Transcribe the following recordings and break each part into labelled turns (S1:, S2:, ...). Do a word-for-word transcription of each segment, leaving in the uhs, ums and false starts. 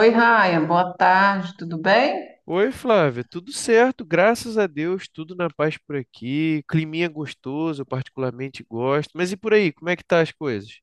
S1: Oi, Ryan, boa tarde, tudo bem?
S2: Oi, Flávia, tudo certo, graças a Deus, tudo na paz por aqui. Climinha gostoso, eu particularmente gosto. Mas e por aí, como é que tá as coisas?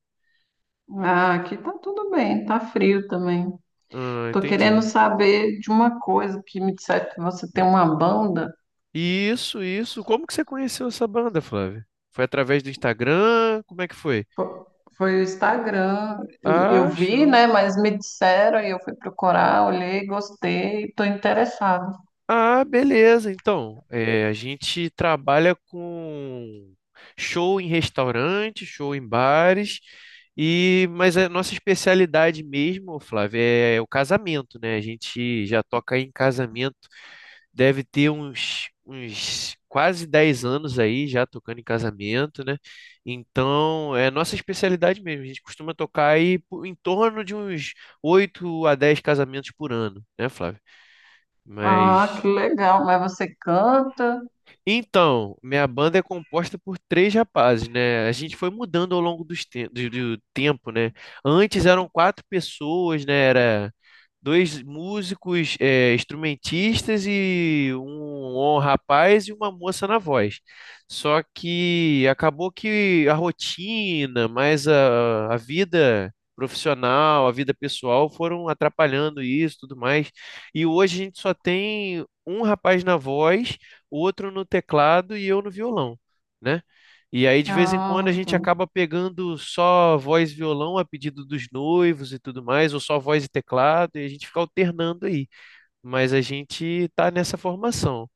S1: Ah, aqui tá tudo bem, tá frio também.
S2: Ah,
S1: Tô querendo
S2: entendi.
S1: saber de uma coisa que me disseram que você tem uma banda.
S2: Isso, isso. Como que você conheceu essa banda, Flávia? Foi através do Instagram? Como é que foi?
S1: Fo- Foi, o Instagram, eu
S2: Ah,
S1: vi,
S2: show.
S1: né, mas me disseram e eu fui procurar, olhei, gostei, tô interessada.
S2: Ah, beleza. Então, é, a gente trabalha com show em restaurante, show em bares, e mas a nossa especialidade mesmo, Flávio, é o casamento, né? A gente já toca aí em casamento, deve ter uns, uns quase dez anos aí já tocando em casamento, né? Então, é nossa especialidade mesmo. A gente costuma tocar aí po- em torno de uns oito a dez casamentos por ano, né, Flávio?
S1: Ah, que
S2: Mas.
S1: legal, mas você canta?
S2: Então, minha banda é composta por três rapazes, né? A gente foi mudando ao longo dos te- do, do tempo, né? Antes eram quatro pessoas, né? Era dois músicos, eh, instrumentistas e um, um rapaz e uma moça na voz. Só que acabou que a rotina, mais a, a vida profissional, a vida pessoal foram atrapalhando isso, tudo mais. E hoje a gente só tem um rapaz na voz, outro no teclado e eu no violão, né? E aí, de vez em quando, a
S1: Ah,
S2: gente
S1: tá.
S2: acaba pegando só voz e violão a pedido dos noivos e tudo mais, ou só voz e teclado, e a gente fica alternando aí. Mas a gente tá nessa formação.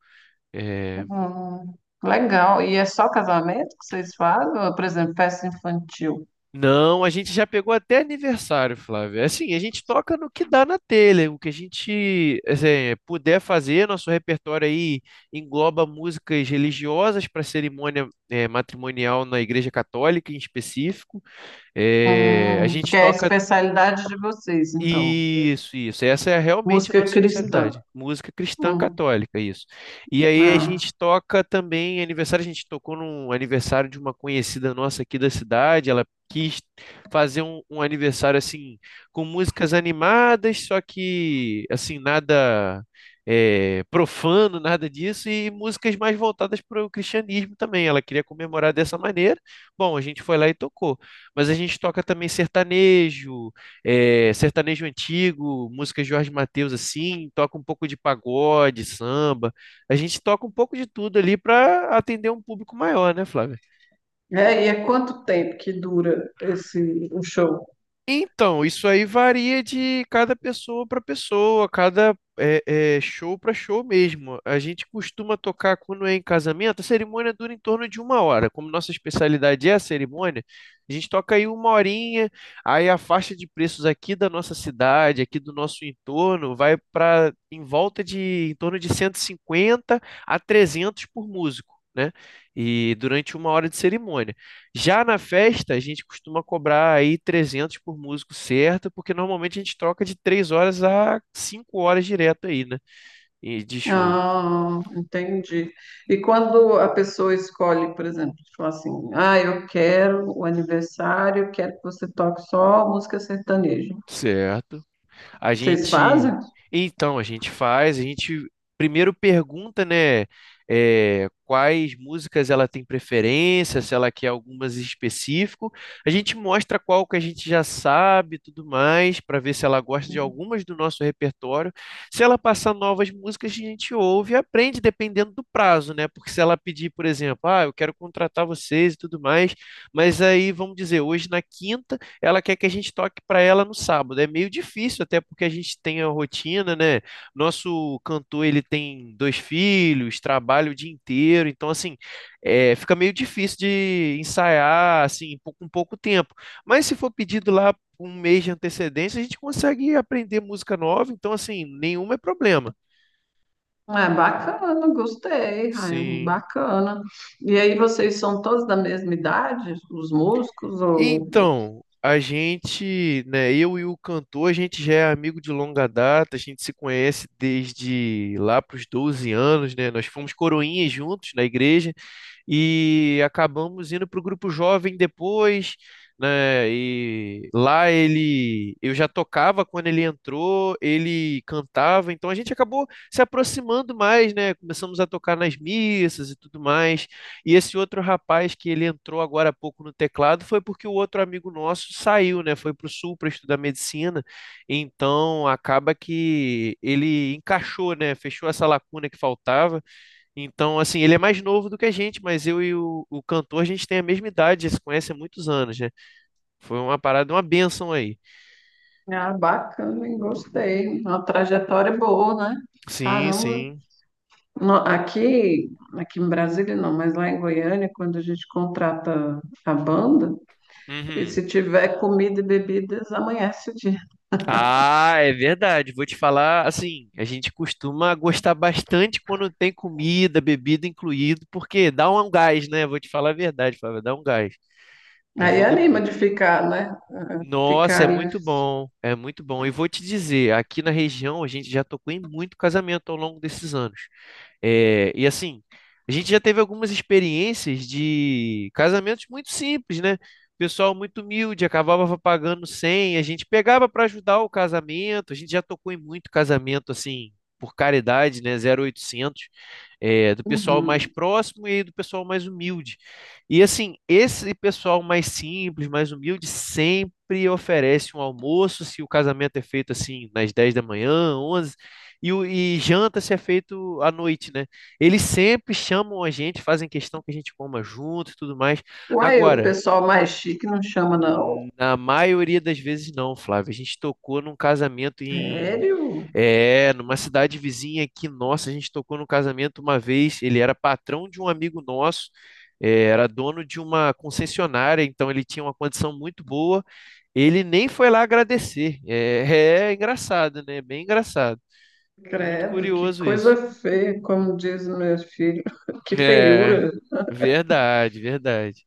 S2: É.
S1: Hum, legal. E é só casamento que vocês fazem? Ou, por exemplo, festa infantil?
S2: Não, a gente já pegou até aniversário, Flávio. É. Assim, a gente toca no que dá na telha, o que a gente, assim, puder fazer. Nosso repertório aí engloba músicas religiosas para cerimônia, é, matrimonial na Igreja Católica em específico. É, a
S1: Hum, que
S2: gente
S1: é a
S2: toca
S1: especialidade de vocês, então.
S2: isso, isso. Essa é realmente a
S1: Música
S2: nossa
S1: cristã.
S2: especialidade. Música cristã
S1: Hum,
S2: católica, isso. E aí a
S1: ah.
S2: gente toca também aniversário, a gente tocou num aniversário de uma conhecida nossa aqui da cidade. Ela quis fazer um, um aniversário assim com músicas animadas, só que assim, nada é, profano, nada disso, e músicas mais voltadas para o cristianismo também. Ela queria comemorar dessa maneira. Bom, a gente foi lá e tocou. Mas a gente toca também sertanejo, é, sertanejo antigo, música Jorge Mateus assim, toca um pouco de pagode, samba. A gente toca um pouco de tudo ali para atender um público maior, né, Flávio?
S1: É, e é quanto tempo que dura esse o show?
S2: Então, isso aí varia de cada pessoa para pessoa, cada é, é, show para show mesmo. A gente costuma tocar quando é em casamento, a cerimônia dura em torno de uma hora. Como nossa especialidade é a cerimônia, a gente toca aí uma horinha, aí a faixa de preços aqui da nossa cidade, aqui do nosso entorno, vai para em volta de em torno de cento e cinquenta a trezentos por músico. Né? E durante uma hora de cerimônia. Já na festa, a gente costuma cobrar aí trezentos por músico, certo, porque normalmente a gente troca de três horas a cinco horas direto aí, né? E de show.
S1: Ah, entendi. E quando a pessoa escolhe, por exemplo, tipo assim, ah, eu quero o aniversário, eu quero que você toque só música sertaneja.
S2: Certo. A
S1: Vocês
S2: gente,
S1: fazem?
S2: então, a gente faz, a gente primeiro pergunta, né, é, quais músicas ela tem preferência, se ela quer algumas em específico. A gente mostra qual que a gente já sabe, e tudo mais, para ver se ela gosta de algumas do nosso repertório. Se ela passar novas músicas, a gente ouve e aprende dependendo do prazo, né? Porque se ela pedir, por exemplo, ah, eu quero contratar vocês e tudo mais, mas aí vamos dizer, hoje na quinta ela quer que a gente toque para ela no sábado. É meio difícil, até porque a gente tem a rotina, né? Nosso cantor, ele tem dois filhos, trabalha o dia inteiro, então assim, é, fica meio difícil de ensaiar assim pou- com pouco tempo. Mas se for pedido lá com um mês de antecedência, a gente consegue aprender música nova, então assim, nenhum é problema.
S1: É bacana, gostei, Ryan,
S2: Sim.
S1: bacana. E aí vocês são todos da mesma idade, os músicos, ou...
S2: Então, a gente, né, eu e o cantor, a gente já é amigo de longa data, a gente se conhece desde lá para os doze anos, né? Nós fomos coroinhas juntos na igreja e acabamos indo para o grupo jovem depois, né? E lá ele, eu já tocava quando ele entrou, ele cantava, então a gente acabou se aproximando mais, né? Começamos a tocar nas missas e tudo mais. E esse outro rapaz que ele entrou agora há pouco no teclado foi porque o outro amigo nosso saiu, né? Foi para o sul para estudar medicina. Então acaba que ele encaixou, né? Fechou essa lacuna que faltava. Então, assim, ele é mais novo do que a gente, mas eu e o, o cantor, a gente tem a mesma idade, já se conhece há muitos anos, né? Foi uma parada, uma bênção aí.
S1: Ah, bacana, hein? Gostei. Uma trajetória boa, né?
S2: Sim,
S1: Caramba.
S2: sim.
S1: No- aqui, aqui em Brasília não, mas lá em Goiânia, quando a gente contrata a banda, e
S2: Uhum.
S1: se tiver comida e bebidas, amanhece o dia.
S2: Ah, é verdade. Vou te falar, assim, a gente costuma gostar bastante quando tem comida, bebida incluído, porque dá um gás, né? Vou te falar a verdade, Flávio, dá um gás.
S1: Aí
S2: Ajuda
S1: anima
S2: muito.
S1: de ficar, né? Ah,
S2: Nossa, é
S1: ficar ali.
S2: muito bom, é muito bom. E vou te dizer, aqui na região a gente já tocou em muito casamento ao longo desses anos. É, e assim, a gente já teve algumas experiências de casamentos muito simples, né? Pessoal muito humilde, acabava pagando cem, a gente pegava para ajudar o casamento, a gente já tocou em muito casamento assim, por caridade, né? Zero oitocentos, é, do pessoal mais
S1: Uhum.
S2: próximo e do pessoal mais humilde. E assim, esse pessoal mais simples, mais humilde, sempre oferece um almoço, se o casamento é feito assim, nas dez da manhã, onze, e, o- e janta se é feito à noite, né? Eles sempre chamam a gente, fazem questão que a gente coma junto e tudo mais.
S1: Uai, o
S2: Agora,
S1: pessoal mais chique não chama, não.
S2: na maioria das vezes não, Flávio. A gente tocou num casamento em,
S1: Sério?
S2: é, numa cidade vizinha aqui, nossa, a gente tocou num casamento uma vez, ele era patrão de um amigo nosso, é, era dono de uma concessionária, então ele tinha uma condição muito boa. Ele nem foi lá agradecer. É, é engraçado, né? Bem engraçado. Muito
S1: Credo, que
S2: curioso
S1: coisa
S2: isso.
S1: feia, como diz meu filho. Que
S2: É,
S1: feiura.
S2: verdade, verdade.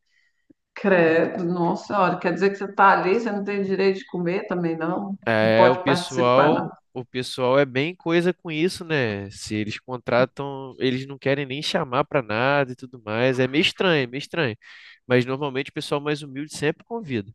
S1: Credo, nossa, olha, quer dizer que você está ali, você não tem direito de comer também, não? Não
S2: É, o
S1: pode participar, não.
S2: pessoal, o pessoal é bem coisa com isso, né? Se eles contratam, eles não querem nem chamar pra nada e tudo mais. É meio estranho, é meio estranho. Mas normalmente o pessoal mais humilde sempre convida.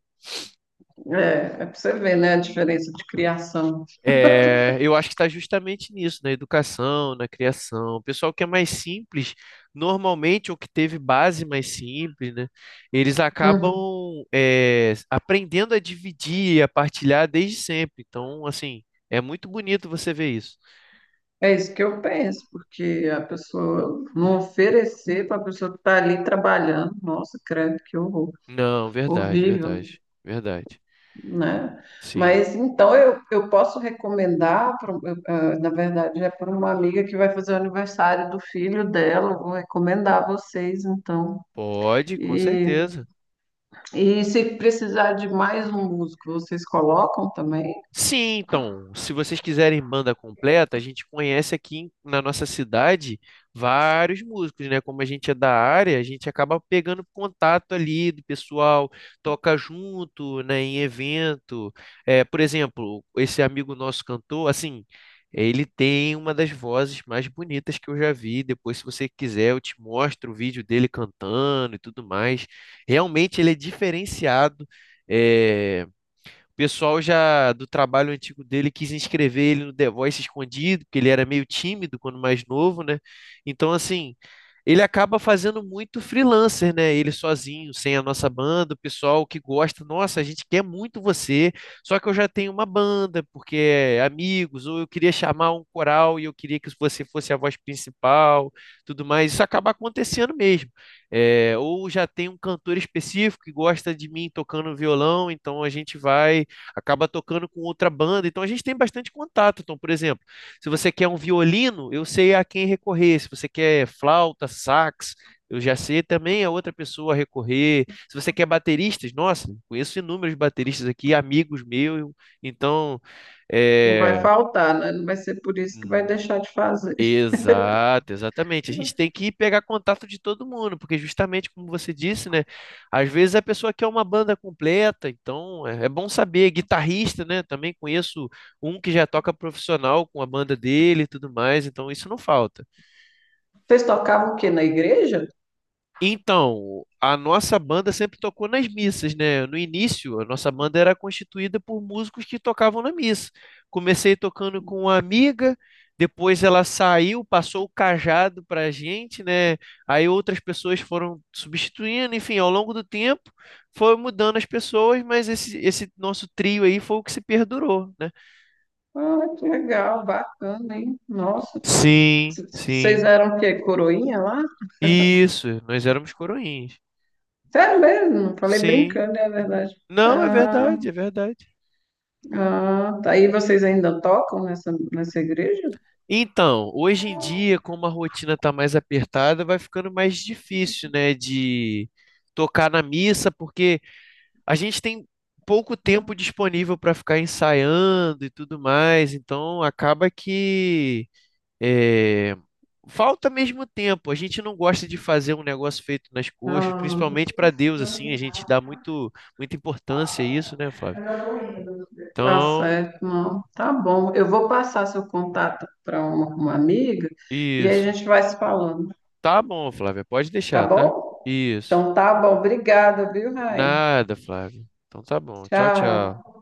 S1: É, é para você ver, né, a diferença de criação.
S2: É, eu acho que está justamente nisso, na educação, na criação. O pessoal que é mais simples, normalmente, ou que teve base mais simples, né? Eles
S1: Hum,
S2: acabam, é, aprendendo a dividir, a partilhar desde sempre. Então, assim, é muito bonito você ver isso.
S1: é isso que eu penso, porque a pessoa não oferecer para a pessoa que está ali trabalhando, nossa, credo, que horror,
S2: Não, verdade,
S1: horrível,
S2: verdade, verdade.
S1: né?
S2: Sim,
S1: Mas então eu, eu posso recomendar, pra- um, eu, ah, na verdade, é para uma amiga que vai fazer o aniversário do filho dela, eu vou recomendar a vocês, então.
S2: pode, com
S1: E
S2: certeza.
S1: E se precisar de mais um músico, vocês colocam também?
S2: Sim, então, se vocês quiserem banda completa, a gente conhece aqui em- na nossa cidade vários músicos, né? Como a gente é da área, a gente acaba pegando contato ali do pessoal, toca junto, né, em evento. É, por exemplo, esse amigo nosso cantor, assim, ele tem uma das vozes mais bonitas que eu já vi. Depois, se você quiser, eu te mostro o vídeo dele cantando e tudo mais. Realmente ele é diferenciado. É, o pessoal já do trabalho antigo dele quis inscrever ele no The Voice escondido, porque ele era meio tímido quando mais novo, né? Então, assim, ele acaba fazendo muito freelancer, né? Ele sozinho, sem a nossa banda, o pessoal que gosta, nossa, a gente quer muito você, só que eu já tenho uma banda, porque é amigos, ou eu queria chamar um coral e eu queria que você fosse a voz principal, tudo mais. Isso acaba acontecendo mesmo. É, ou já tem um cantor específico que gosta de mim tocando violão, então a gente vai acaba tocando com outra banda, então a gente tem bastante contato. Então, por exemplo, se você quer um violino, eu sei a quem recorrer. Se você quer flauta, sax, eu já sei também a outra pessoa a recorrer. Se você quer bateristas, nossa, conheço inúmeros bateristas aqui, amigos meus. Então,
S1: Não vai
S2: é,
S1: faltar, né? Não vai ser por isso que vai deixar de fazer.
S2: exato, exatamente. A gente tem que ir pegar contato de todo mundo, porque justamente como você disse, né? Às vezes a pessoa quer uma banda completa, então é é bom saber. Guitarrista, né? Também conheço um que já toca profissional com a banda dele e tudo mais, então isso não falta.
S1: Vocês tocavam o quê? Na igreja?
S2: Então, a nossa banda sempre tocou nas missas, né? No início, a nossa banda era constituída por músicos que tocavam na missa. Comecei tocando com uma amiga, depois ela saiu, passou o cajado para a gente, né? Aí outras pessoas foram substituindo, enfim, ao longo do tempo foi mudando as pessoas, mas esse, esse nosso trio aí foi o que se perdurou, né?
S1: Ah, que legal, bacana, hein? Nossa,
S2: Sim,
S1: c- vocês
S2: sim.
S1: eram o quê? Coroinha lá?
S2: Isso, nós éramos coroinhas.
S1: Sério mesmo? Falei
S2: Sim.
S1: brincando, é verdade.
S2: Não, é
S1: Ah,
S2: verdade, é verdade.
S1: ah, tá. E vocês ainda tocam nessa, nessa igreja?
S2: Então, hoje em dia, como a rotina está mais apertada, vai ficando mais difícil, né, de tocar na missa, porque a gente tem pouco tempo disponível para ficar ensaiando e tudo mais, então acaba que eh, falta mesmo tempo. A gente não gosta de fazer um negócio feito nas coxas,
S1: Ah,
S2: principalmente para Deus, assim, a gente dá muito, muita importância a isso, né, Flávio?
S1: tá
S2: Então,
S1: certo, não. Tá bom. Eu vou passar seu contato para uma uma amiga e aí
S2: isso.
S1: a gente vai se falando.
S2: Tá bom, Flávia, pode
S1: Tá
S2: deixar, tá?
S1: bom?
S2: Isso.
S1: Então tá bom. Obrigada, viu, Raia?
S2: Nada, Flávio. Então tá bom. Tchau,
S1: Tchau.
S2: tchau.